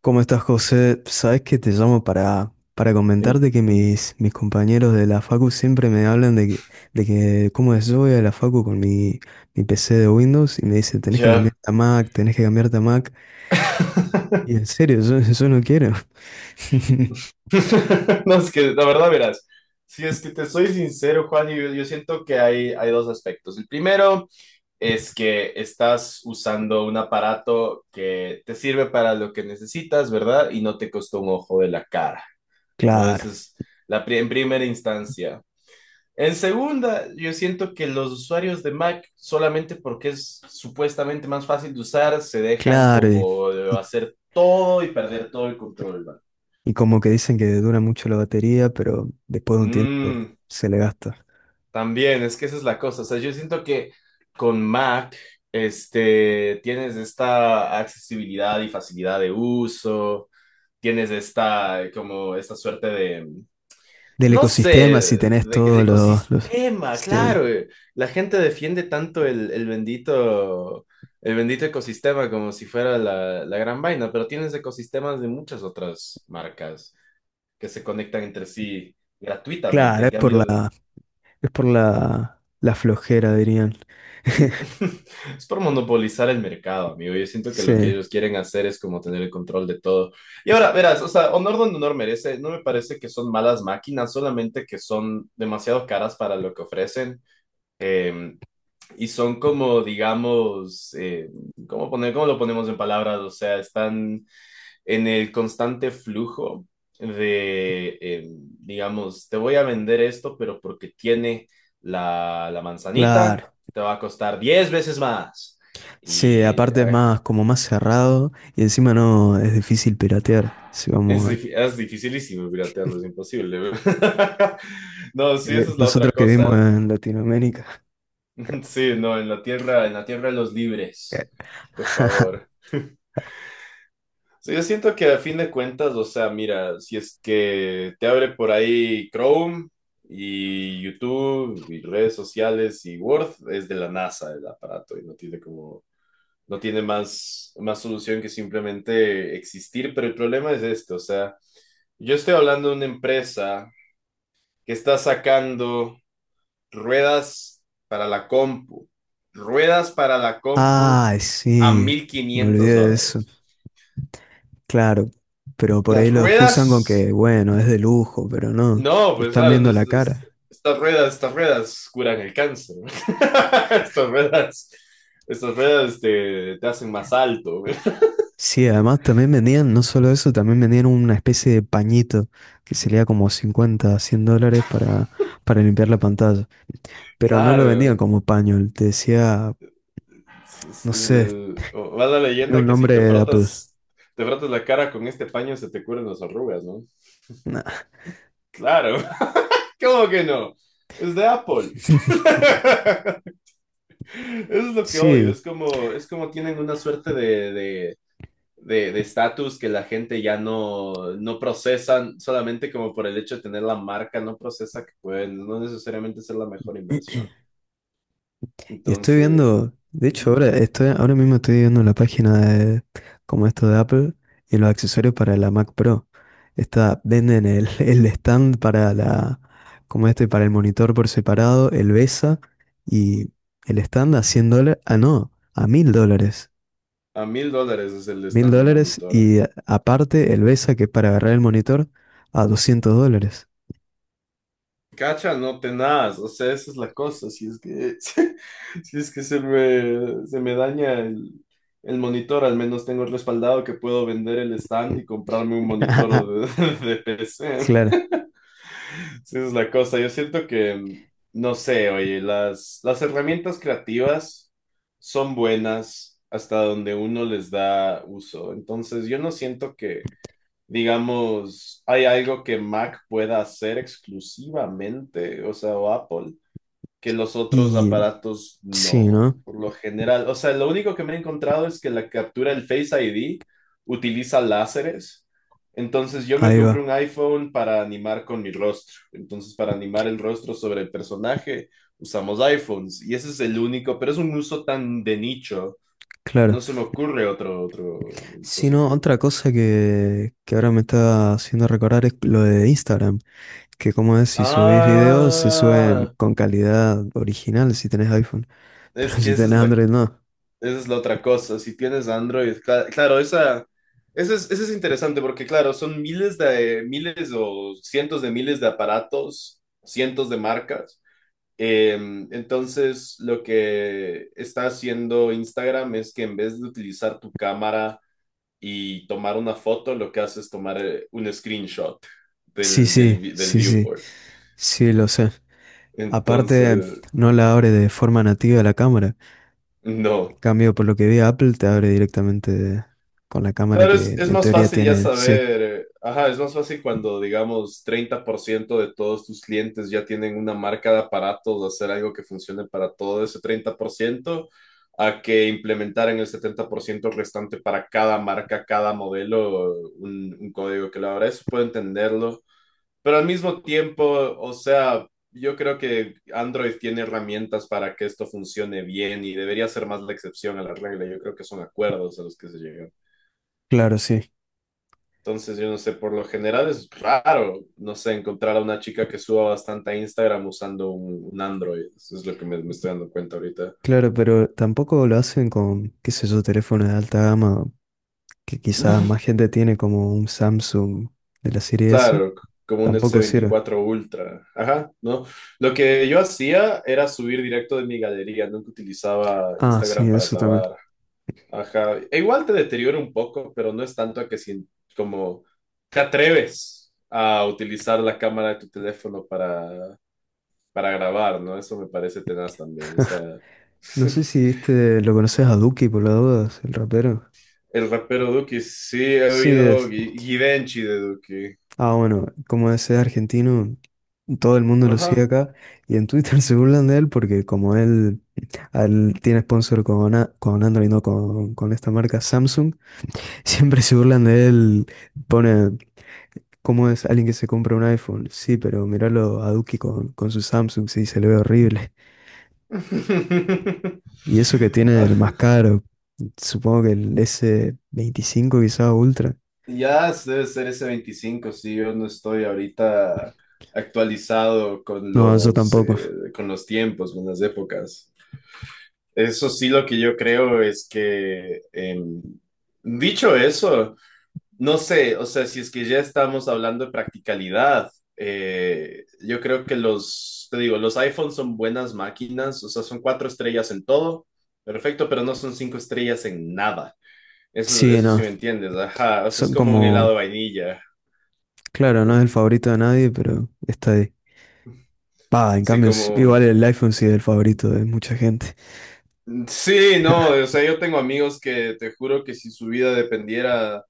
¿Cómo estás, José? Sabes que te llamo para Y comentarte que mis compañeros de la Facu siempre me hablan de que cómo es. Yo voy a la Facu con mi PC de Windows y me dicen, tenés que ya. cambiarte a Mac, tenés que cambiarte a Mac. Y en serio, yo, yo no quiero. No, es que la verdad, verás, si es que te soy sincero, Juan, yo siento que hay dos aspectos. El primero es que estás usando un aparato que te sirve para lo que necesitas, ¿verdad? Y no te costó un ojo de la cara, ¿no? Claro, Esa es en primera instancia. En segunda, yo siento que los usuarios de Mac, solamente porque es supuestamente más fácil de usar, se dejan claro. Como y- hacer todo y perder todo el control. y como que dicen que dura mucho la batería, pero después de un tiempo Mm, se le gasta. También, es que esa es la cosa. O sea, yo siento que con Mac, tienes esta accesibilidad y facilidad de uso, tienes esta, como, esta suerte de, Del no sé, ecosistema, si tenés de todos los. ecosistema, Sí. claro. La gente defiende tanto el bendito, el bendito ecosistema como si fuera la gran vaina, pero tienes ecosistemas de muchas otras marcas que se conectan entre sí gratuitamente. Claro, En es por cambio, la Es por la, la flojera, dirían. Mm, es por monopolizar el mercado, amigo. Yo siento que lo que Sí, ellos quieren hacer es como tener el control de todo. Y ahora, verás, o sea, honor donde honor merece. No me parece que son malas máquinas, solamente que son demasiado caras para lo que ofrecen. Eh, y son como, digamos, ¿cómo lo ponemos en palabras? O sea, están en el constante flujo de, digamos, te voy a vender esto, pero porque tiene la manzanita, claro. te va a costar 10 veces más. Sí, Y aparte es más como más cerrado y encima no es difícil piratear. Si vamos a- es dificilísimo piratearlo, es imposible. No, que sí, esa vi- es la otra Nosotros que vivimos cosa. en Latinoamérica. Sí, no, en la tierra de los libres, por favor. Sí, yo siento que a fin de cuentas, o sea, mira, si es que te abre por ahí Chrome y YouTube y redes sociales y Word, es de la NASA el aparato y no tiene como, no tiene más solución que simplemente existir, pero el problema es este, o sea, yo estoy hablando de una empresa que está sacando ruedas para la compu, ruedas para la compu Ay, a sí, mil me quinientos olvidé de eso. dólares. Claro, pero por Las ahí lo excusan con ruedas que, bueno, es de lujo, pero no, No, te pues están claro, no, viendo la cara. Estas ruedas curan el cáncer. Estas ruedas, estas ruedas te hacen más alto. Sí, además también vendían, no solo eso, también vendían una especie de pañito que sería como 50, $100 para limpiar la pantalla. Pero no lo vendían Claro. como paño, te decía, no sé, Va la tiene leyenda un que si nombre te de Apple. frotas, te frotas la cara con este paño se te curan las arrugas, ¿no? Nah. Claro. ¿Cómo que no? Es de Apple. Eso es lo que odio. Sí. Es como tienen una suerte de estatus que la gente ya no procesan solamente como por el hecho de tener la marca, no procesa que pueden no necesariamente ser la mejor inversión. Y estoy Entonces, viendo, de hecho ujú, ahora mismo estoy viendo la página de como esto de Apple y los accesorios para la Mac Pro. Esta, venden el, el stand para la, como este, para el monitor por separado, el BESA y el stand a $100, ah no, a $1.000. a 1.000 dólares es el mil stand de dólares monitor. y aparte el BESA, que es para agarrar el monitor, a $200. Cacha, no tenaz, o sea, esa es la cosa, si es que, si es que se me daña el monitor, al menos tengo respaldado que puedo vender el stand y comprarme un monitor de, de PC. Claro. Sí, esa es la cosa. Yo siento que, no sé, oye, las herramientas creativas son buenas hasta donde uno les da uso. Entonces, yo no siento que, digamos, hay algo que Mac pueda hacer exclusivamente, o sea, o Apple, que los otros Y aparatos sí, no, ¿no? por lo general. O sea, lo único que me he encontrado es que la captura del Face ID utiliza láseres. Entonces yo me Ahí compré va, un iPhone para animar con mi rostro. Entonces para animar el rostro sobre el personaje usamos iPhones y ese es el único, pero es un uso tan de nicho. No claro. se me ocurre otro Si no, dispositivo. otra cosa que ahora me está haciendo recordar es lo de Instagram, que como es, si subís videos, se suben Ah, con calidad original si tenés iPhone. Pero es que si esa es tenés la Android no. Esa es la otra cosa. Si tienes Android, claro, esa es interesante porque, claro, son miles de miles o cientos de miles de aparatos, cientos de marcas. Eh, entonces, lo que está haciendo Instagram es que en vez de utilizar tu cámara y tomar una foto, lo que hace es tomar un screenshot Sí, del, sí, del, vi- del sí, sí, viewport. sí, lo sé. Aparte, Entonces, no la abre de forma nativa la cámara. En no. cambio, por lo que vi, Apple te abre directamente con la cámara Claro, es, que es en más teoría fácil ya tiene. Sí, saber, ajá, es más fácil cuando, digamos, 30% de todos tus clientes ya tienen una marca de aparatos, hacer algo que funcione para todo ese 30%, a que implementar en el 70% restante para cada marca, cada modelo, un código que la verdad eso puedo entenderlo. Pero al mismo tiempo, o sea, yo creo que Android tiene herramientas para que esto funcione bien y debería ser más la excepción a la regla. Yo creo que son acuerdos a los que se llega. claro, sí. Entonces, yo no sé, por lo general es raro, no sé, encontrar a una chica que suba bastante a Instagram usando un Android. Eso es lo que me estoy dando cuenta ahorita. Claro, pero tampoco lo hacen con, qué sé yo, teléfonos de alta gama que quizás No, más gente tiene, como un Samsung de la serie S, claro, como un tampoco sirve. S24 Ultra. Ajá, ¿no? Lo que yo hacía era subir directo de mi galería, nunca utilizaba Ah, sí, Instagram para eso también. clavar. Ajá, e igual te deteriora un poco, pero no es tanto a que si, como te atreves a utilizar la cámara de tu teléfono para grabar, ¿no? Eso me parece tenaz también, o sea, No sé si viste, lo conoces a Duki por las dudas, el rapero. el rapero Duki, sí he Sí oído es. Givenchy de Duki. Ah, bueno, como es argentino, todo el mundo lo sigue Ajá. acá y en Twitter se burlan de él porque como él, a él, tiene sponsor con Android, no con esta marca Samsung. Siempre se burlan de él, pone, ¿cómo es alguien que se compra un iPhone? Sí, pero miralo a Duki con su Samsung, sí, se le ve horrible. Y eso que tiene el más caro, supongo que el S25, quizá Ultra. Ya debe ser ese 25, sí, yo no estoy ahorita actualizado con No, yo los, tampoco. eh, con los tiempos, con las épocas. Eso sí, lo que yo creo es que, dicho eso, no sé, o sea, si es que ya estamos hablando de practicalidad, yo creo que los, te digo, los iPhones son buenas máquinas, o sea, son cuatro estrellas en todo, perfecto, pero no son cinco estrellas en nada. Eso, Sí, eso sí no, me entiendes, ajá, o sea, es son como un helado como, de vainilla. claro, no es co- el favorito de nadie, pero está ahí. Va, en Sí, cambio, como, igual el iPhone sí es el favorito de mucha gente. sí, no, o sea, yo tengo amigos que te juro que si su vida dependiera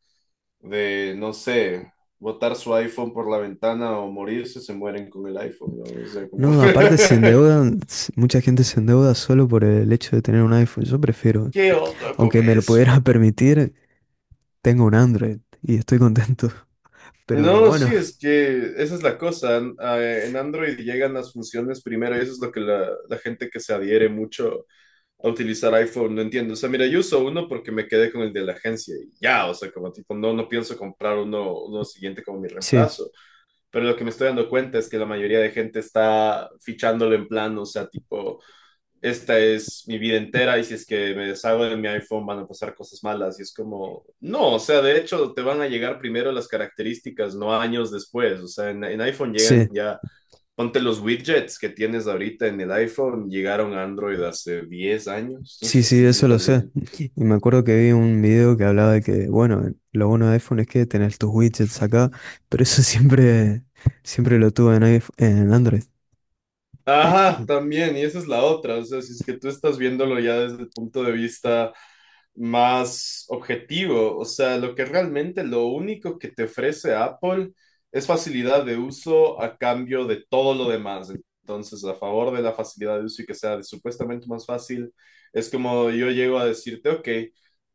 de, no sé, botar su iPhone por la ventana o morirse, se mueren con el iPhone, ¿no? O sea, como. No, aparte se endeudan, mucha gente se endeuda solo por el hecho de tener un iPhone. Yo prefiero, ¿Qué onda con aunque me lo eso? pudiera permitir, tengo un Android y estoy contento. Pero No, bueno, sí, es que esa es la cosa. En Android llegan las funciones primero y eso es lo que la gente que se adhiere mucho a utilizar iPhone no entiende. O sea, mira, yo uso uno porque me quedé con el de la agencia y ya, o sea, como tipo, no pienso comprar uno siguiente como mi sí, reemplazo. Pero lo que me estoy dando cuenta es que la mayoría de gente está fichándolo en plan, o sea, tipo esta es mi vida entera y si es que me deshago de mi iPhone van a pasar cosas malas. Y es como, no, o sea, de hecho te van a llegar primero las características, no años después. O sea, en iPhone llegan sí, ya, ponte los widgets que tienes ahorita en el iPhone, llegaron a Android hace 10 años, sí, sí, sí, eso lo tal vez sé. un poco. Y me acuerdo que vi un video que hablaba de que, bueno, lo bueno de iPhone es que tenés tus widgets acá, pero eso siempre lo tuve en en Android. Ajá, también, y esa es la otra, o sea, si es que tú estás viéndolo ya desde el punto de vista más objetivo, o sea, lo que realmente lo único que te ofrece Apple es facilidad de uso a cambio de todo lo demás. Entonces, a favor de la facilidad de uso y que sea supuestamente más fácil, es como yo llego a decirte, ok,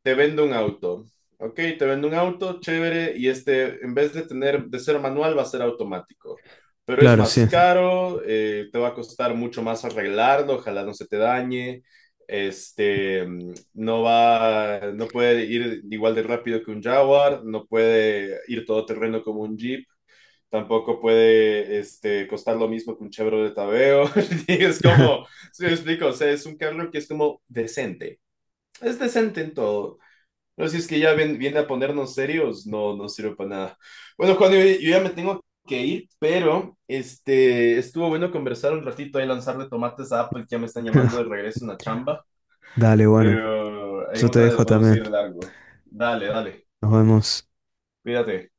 te vendo un auto, ok, te vendo un auto, chévere, y en vez de tener, de ser manual, va a ser automático pero es Claro, más sí. caro, te va a costar mucho más arreglarlo, ojalá no se te dañe. No va, no puede ir igual de rápido que un Jaguar, no puede ir todo terreno como un Jeep, tampoco puede costar lo mismo que un Chevrolet Aveo. Es como, si me explico, o sea, es un carro que es como decente. Es decente en todo. No, si es que ya viene a ponernos serios, no, no sirve para nada. Bueno, Juan, yo ya me tengo que ir, pero estuvo bueno conversar un ratito y lanzarle tomates a Apple, que ya me están llamando de regreso en la chamba, Dale, bueno, pero en yo te otra le dejo podemos también. seguir de largo. Dale, dale, Nos vemos. cuídate.